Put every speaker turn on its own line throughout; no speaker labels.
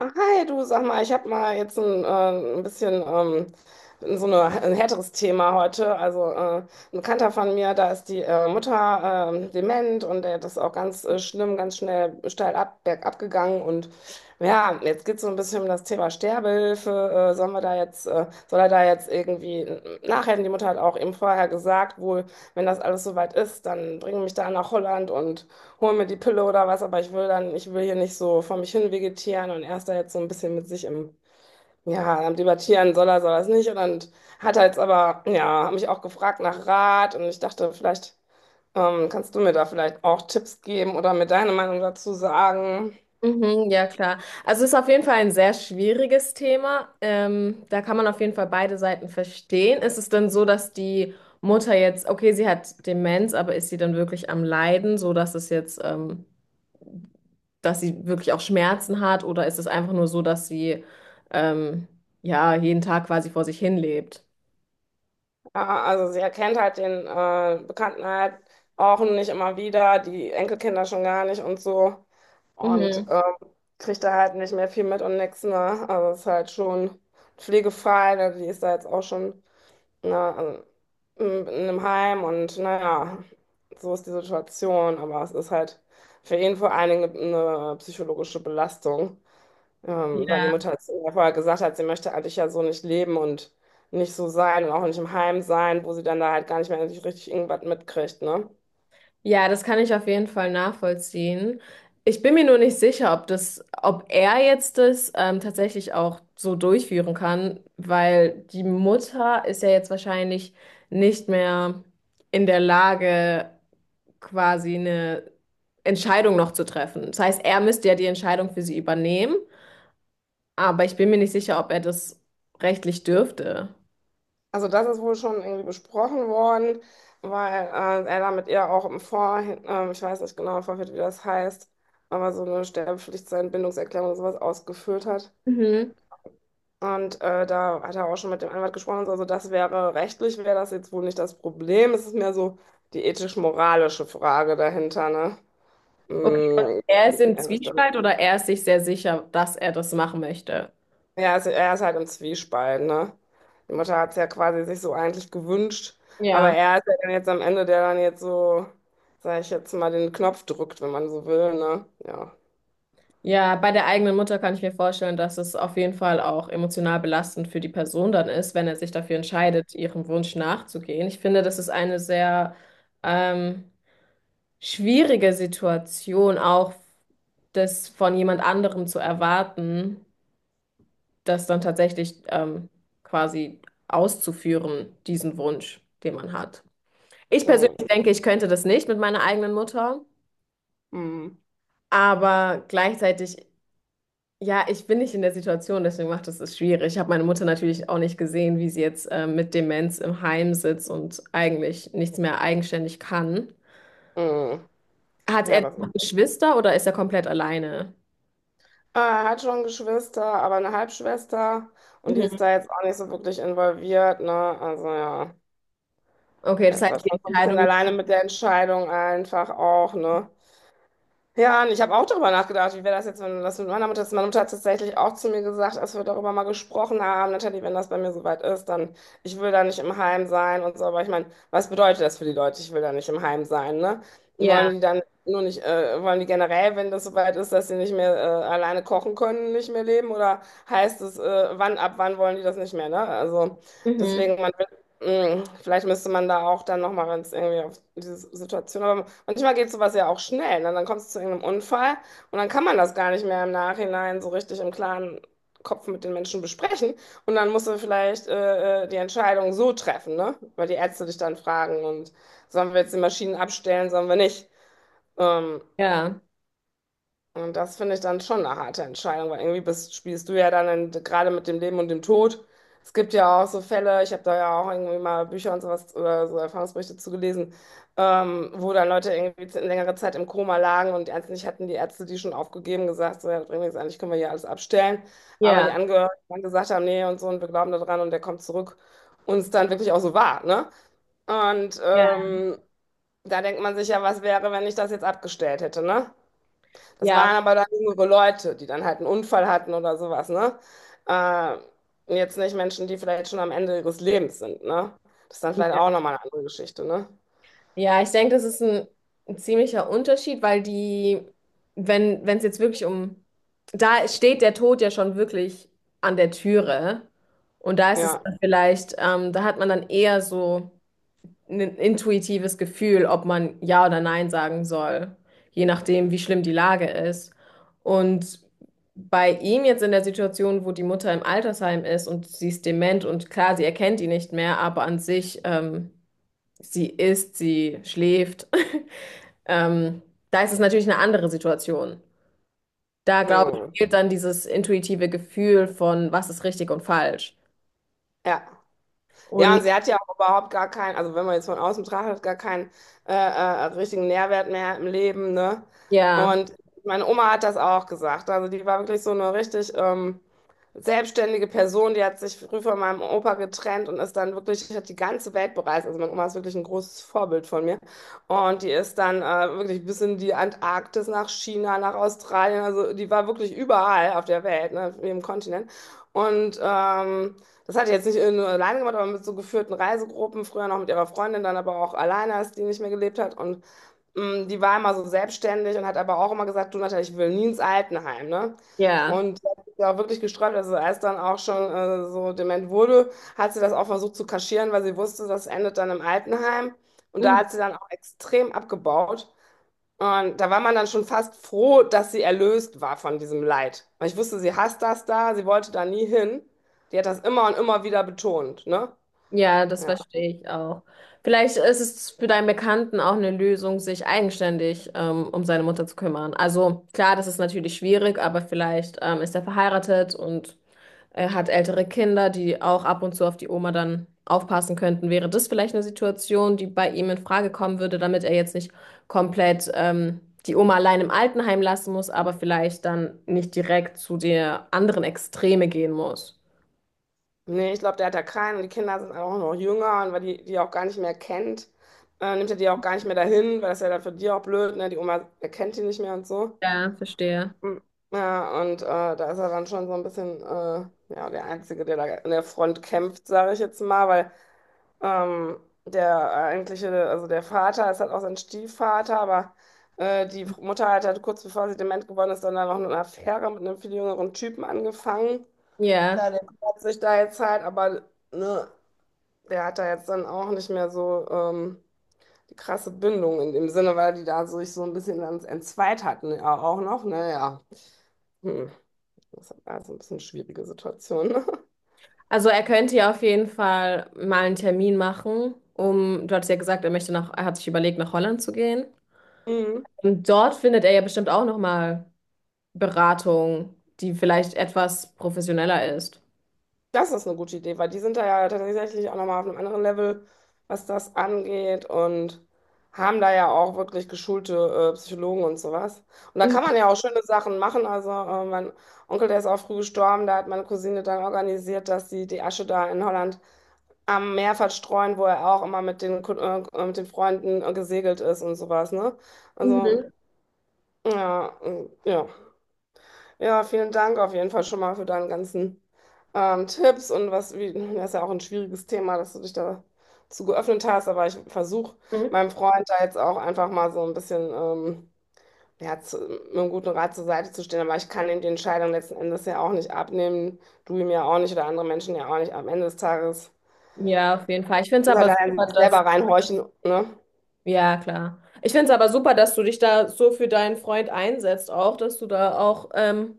Hi, du, sag mal, ich habe mal jetzt ein bisschen so eine, ein härteres Thema heute. Also ein Bekannter von mir, da ist die Mutter dement und der ist auch ganz schlimm, ganz schnell steil ab, bergab gegangen. Und ja, jetzt geht es so ein bisschen um das Thema Sterbehilfe. Sollen wir da jetzt, soll er da jetzt irgendwie nachhelfen? Die Mutter hat auch eben vorher gesagt, wohl, wenn das alles soweit ist, dann bring mich da nach Holland und hol mir die Pille oder was, aber ich will dann, ich will hier nicht so vor mich hin vegetieren und er ist da jetzt so ein bisschen mit sich im, ja, am Debattieren, soll er es nicht. Und dann hat er jetzt aber, ja, hat mich auch gefragt nach Rat und ich dachte, vielleicht kannst du mir da vielleicht auch Tipps geben oder mir deine Meinung dazu sagen.
Mhm, ja, klar. Also es ist auf jeden Fall ein sehr schwieriges Thema. Da kann man auf jeden Fall beide Seiten verstehen. Ist es denn so, dass die Mutter jetzt, okay, sie hat Demenz, aber ist sie dann wirklich am Leiden, so dass es jetzt, dass sie wirklich auch Schmerzen hat, oder ist es einfach nur so, dass sie ähm, ja jeden Tag quasi vor sich hin lebt?
Ja, also sie erkennt halt den Bekannten halt auch nicht immer wieder, die Enkelkinder schon gar nicht und so. Und
Mhm.
kriegt da halt nicht mehr viel mit und nix, ne? Also ist halt schon pflegefrei, ne? Die ist da jetzt auch schon ne, also, in einem Heim und naja, so ist die Situation. Aber es ist halt für ihn vor allen Dingen eine psychologische Belastung. Weil die
Ja.
Mutter jetzt vorher gesagt hat, sie möchte eigentlich ja so nicht leben und nicht so sein und auch nicht im Heim sein, wo sie dann da halt gar nicht mehr richtig irgendwas mitkriegt, ne?
Ja, das kann ich auf jeden Fall nachvollziehen. Ich bin mir nur nicht sicher, ob das, ob er jetzt das tatsächlich auch so durchführen kann, weil die Mutter ist ja jetzt wahrscheinlich nicht mehr in der Lage, quasi eine Entscheidung noch zu treffen. Das heißt, er müsste ja die Entscheidung für sie übernehmen, aber ich bin mir nicht sicher, ob er das rechtlich dürfte.
Also das ist wohl schon irgendwie besprochen worden, weil er da mit ihr auch im ich weiß nicht genau im Vorfeld, wie das heißt, aber so eine Sterbepflicht, Bindungserklärung oder sowas ausgefüllt hat.
Mhm.
Und da hat er auch schon mit dem Anwalt gesprochen, und so. Also das wäre rechtlich, wäre das jetzt wohl nicht das Problem. Es ist mehr so die ethisch-moralische Frage dahinter, ne?
Okay, und
Mm,
er ist im
Also ich glaube,
Zwiespalt oder er ist sich sehr sicher, dass er das machen möchte?
ja, er ist halt im Zwiespalt, ne? Die Mutter hat es ja quasi sich so eigentlich gewünscht, aber
Ja.
er ist ja dann jetzt am Ende, der dann jetzt so, sag ich jetzt mal, den Knopf drückt, wenn man so will, ne? Ja.
Ja, bei der eigenen Mutter kann ich mir vorstellen, dass es auf jeden Fall auch emotional belastend für die Person dann ist, wenn er sich dafür entscheidet, ihrem Wunsch nachzugehen. Ich finde, das ist eine sehr ähm, schwierige Situation, auch das von jemand anderem zu erwarten, das dann tatsächlich quasi auszuführen, diesen Wunsch, den man hat. Ich persönlich
Mm,
denke, ich könnte das nicht mit meiner eigenen Mutter,
mm,
aber gleichzeitig. Ja, ich bin nicht in der Situation, deswegen macht es es schwierig. Ich habe meine Mutter natürlich auch nicht gesehen, wie sie jetzt mit Demenz im Heim sitzt und eigentlich nichts mehr eigenständig kann.
mm.
Hat
Ja,
er
das
noch
ist.
Geschwister oder ist er komplett alleine?
Ah, er hat schon Geschwister, aber eine Halbschwester und die
Mhm.
ist da jetzt auch nicht so wirklich involviert, ne? Also ja,
Okay,
er
das
ist
heißt,
da schon
die
so ein bisschen
Entscheidung,
alleine mit der Entscheidung einfach auch, ne? Ja, und ich habe auch darüber nachgedacht, wie wäre das jetzt, wenn das mit meiner Mutter ist. Meine Mutter hat tatsächlich auch zu mir gesagt, als wir darüber mal gesprochen haben, Natalie, wenn das bei mir soweit ist, dann ich will da nicht im Heim sein und so. Aber ich meine, was bedeutet das für die Leute? Ich will da nicht im Heim sein, ne?
ja,
Wollen die dann nur nicht, wollen die generell, wenn das soweit ist, dass sie nicht mehr alleine kochen können, nicht mehr leben? Oder heißt es, wann, ab wann wollen die das nicht mehr, ne? Also
mhm.
deswegen, man vielleicht müsste man da auch dann nochmal ganz irgendwie auf diese Situation. Aber manchmal geht sowas ja auch schnell. Ne? Dann kommt es zu irgendeinem Unfall und dann kann man das gar nicht mehr im Nachhinein so richtig im klaren Kopf mit den Menschen besprechen. Und dann musst du vielleicht die Entscheidung so treffen, ne? Weil die Ärzte dich dann fragen und sollen wir jetzt die Maschinen abstellen, sollen wir nicht. Ähm,
Ja,
und das finde ich dann schon eine harte Entscheidung, weil irgendwie bist, spielst du ja dann in, gerade mit dem Leben und dem Tod. Es gibt ja auch so Fälle, ich habe da ja auch irgendwie mal Bücher und sowas oder so Erfahrungsberichte zugelesen, wo dann Leute irgendwie längere Zeit im Koma lagen und ernstlich hatten die Ärzte die schon aufgegeben, gesagt, so, ja, das bringt nichts, eigentlich können wir hier alles abstellen. Aber die
ja,
Angehörigen dann gesagt haben, nee und so und wir glauben da dran und der kommt zurück und es dann wirklich auch so war, ne? Und
ja,
da denkt man sich ja, was wäre, wenn ich das jetzt abgestellt hätte, ne? Das
ja,
waren aber dann jüngere Leute, die dann halt einen Unfall hatten oder sowas, ne? Äh, jetzt nicht Menschen, die vielleicht schon am Ende ihres Lebens sind, ne? Das ist dann vielleicht auch nochmal eine andere Geschichte, ne?
ja, ich denke, das ist ein ziemlicher Unterschied, weil die, wenn es jetzt wirklich um, da steht der Tod ja schon wirklich an der Türe und da ist es
Ja.
dann vielleicht, da hat man dann eher so ein intuitives Gefühl, ob man Ja oder Nein sagen soll, je nachdem, wie schlimm die Lage ist. Und bei ihm jetzt in der Situation, wo die Mutter im Altersheim ist und sie ist dement und klar, sie erkennt ihn nicht mehr, aber an sich, sie isst, sie schläft. Ähm, Da ist es natürlich eine andere Situation. Da, glaube ich,
Hm.
fehlt dann dieses intuitive Gefühl von, was ist richtig und falsch.
Ja. Ja,
Und
und sie hat ja auch überhaupt gar keinen, also wenn man jetzt von außen betrachtet, gar keinen richtigen Nährwert mehr im Leben, ne?
ja,
Und meine Oma hat das auch gesagt. Also die war wirklich so eine richtig selbstständige Person, die hat sich früh von meinem Opa getrennt und ist dann wirklich, hat die ganze Welt bereist. Also meine Oma ist wirklich ein großes Vorbild von mir. Und die ist dann wirklich bis in die Antarktis, nach China, nach Australien. Also die war wirklich überall auf der Welt, ne? Auf jedem Kontinent. Und das hat die jetzt nicht nur alleine gemacht, aber mit so geführten Reisegruppen, früher noch mit ihrer Freundin, dann aber auch alleine, als die nicht mehr gelebt hat. Und mh, die war immer so selbstständig und hat aber auch immer gesagt, du Natalia, ich will nie ins Altenheim, ne?
ja.
Und das ist ja auch wirklich gesträubt, also als dann auch schon so dement wurde, hat sie das auch versucht zu kaschieren, weil sie wusste, das endet dann im Altenheim. Und da
Mhm.
hat sie dann auch extrem abgebaut. Und da war man dann schon fast froh, dass sie erlöst war von diesem Leid. Weil ich wusste, sie hasst das da, sie wollte da nie hin. Die hat das immer und immer wieder betont, ne?
Ja, das
Ja.
verstehe ich auch. Vielleicht ist es für deinen Bekannten auch eine Lösung, sich eigenständig um seine Mutter zu kümmern. Also klar, das ist natürlich schwierig, aber vielleicht ist er verheiratet und er hat ältere Kinder, die auch ab und zu auf die Oma dann aufpassen könnten. Wäre das vielleicht eine Situation, die bei ihm in Frage kommen würde, damit er jetzt nicht komplett die Oma allein im Altenheim lassen muss, aber vielleicht dann nicht direkt zu der anderen Extreme gehen muss?
Nee, ich glaube, der hat da keinen und die Kinder sind auch noch jünger und weil die die auch gar nicht mehr kennt, nimmt er die auch gar nicht mehr dahin, weil das ist ja dann für die auch blöd, ne? Die Oma erkennt die nicht mehr und so.
Ja, verstehe.
Hm. Ja, und da ist er dann schon so ein bisschen ja, der Einzige, der da an der Front kämpft, sage ich jetzt mal, weil Ähm, der eigentliche, also der Vater ist halt auch sein Stiefvater, aber die Mutter hat halt kurz bevor sie dement geworden ist, dann da noch eine Affäre mit einem viel jüngeren Typen angefangen.
Ja.
Klar, der, hat sich da jetzt halt, aber ne, der hat da jetzt dann auch nicht mehr so die krasse Bindung in dem Sinne, weil die da sich so ein bisschen ans entzweit hatten, ja, auch noch, naja. Hm. Das ist halt alles ein bisschen schwierige Situation.
Also er könnte ja auf jeden Fall mal einen Termin machen, um, du hattest ja gesagt, er möchte nach, er hat sich überlegt, nach Holland zu gehen.
Ne?
Und dort findet er ja bestimmt auch nochmal Beratung, die vielleicht etwas professioneller ist.
Das ist eine gute Idee, weil die sind da ja tatsächlich auch nochmal auf einem anderen Level, was das angeht und haben da ja auch wirklich geschulte Psychologen und sowas. Und da
Mhm.
kann man ja auch schöne Sachen machen. Also mein Onkel, der ist auch früh gestorben, da hat meine Cousine dann organisiert, dass sie die Asche da in Holland am Meer verstreuen, wo er auch immer mit den, mit den Freunden gesegelt ist und sowas, ne? Also,
Mhm.
ja, ja. Ja, vielen Dank auf jeden Fall schon mal für deine ganzen Tipps und was, wie, das ist ja auch ein schwieriges Thema, dass du dich dazu geöffnet hast, aber ich versuche meinem Freund da jetzt auch einfach mal so ein bisschen ja, zu, mit einem guten Rat zur Seite zu stehen, aber ich kann ihm die Entscheidung letzten Endes ja auch nicht abnehmen, du ihm ja auch nicht oder andere Menschen ja auch nicht. Am Ende des Tages
Ja, auf jeden Fall. Ich finde es
muss er
aber
da in
super,
sich
dass,
selber reinhorchen, ne?
ja, klar. Ich finde es aber super, dass du dich da so für deinen Freund einsetzt, auch, dass du da auch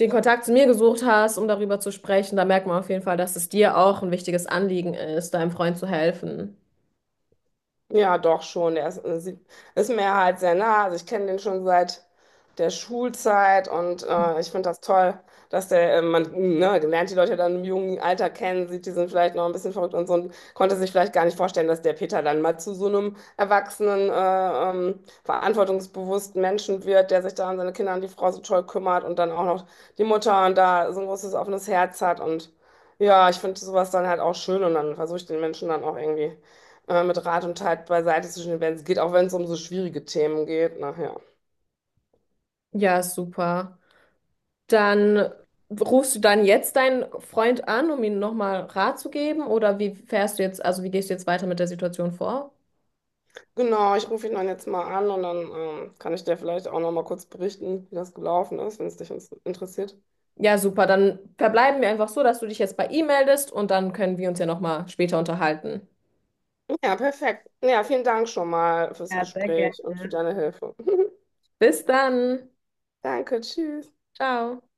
den Kontakt zu mir gesucht hast, um darüber zu sprechen. Da merkt man auf jeden Fall, dass es dir auch ein wichtiges Anliegen ist, deinem Freund zu helfen.
Ja, doch schon. Er ist, sie- ist mir halt sehr nah. Also ich kenne den schon seit der Schulzeit und ich finde das toll, dass der, man ne, lernt die Leute dann im jungen Alter kennen, sieht, die sind vielleicht noch ein bisschen verrückt und so und konnte sich vielleicht gar nicht vorstellen, dass der Peter dann mal zu so einem erwachsenen, verantwortungsbewussten Menschen wird, der sich da um seine Kinder und die Frau so toll kümmert und dann auch noch die Mutter und da so ein großes offenes Herz hat und ja, ich finde sowas dann halt auch schön und dann versuche ich den Menschen dann auch irgendwie mit Rat und Tat beiseite zu stehen, wenn es geht, auch wenn es um so schwierige Themen geht nachher.
Ja, super. Dann rufst du dann jetzt deinen Freund an, um ihm nochmal Rat zu geben? Oder wie fährst du jetzt, also wie gehst du jetzt weiter mit der Situation vor?
Genau, ich rufe ihn dann jetzt mal an und dann kann ich dir vielleicht auch noch mal kurz berichten, wie das gelaufen ist, wenn es dich interessiert.
Ja, super. Dann verbleiben wir einfach so, dass du dich jetzt bei ihm meldest und dann können wir uns ja nochmal später unterhalten.
Ja, perfekt. Ja, vielen Dank schon mal fürs
Ja, sehr
Gespräch und für
gerne.
deine Hilfe.
Bis dann.
Danke, tschüss.
Ciao.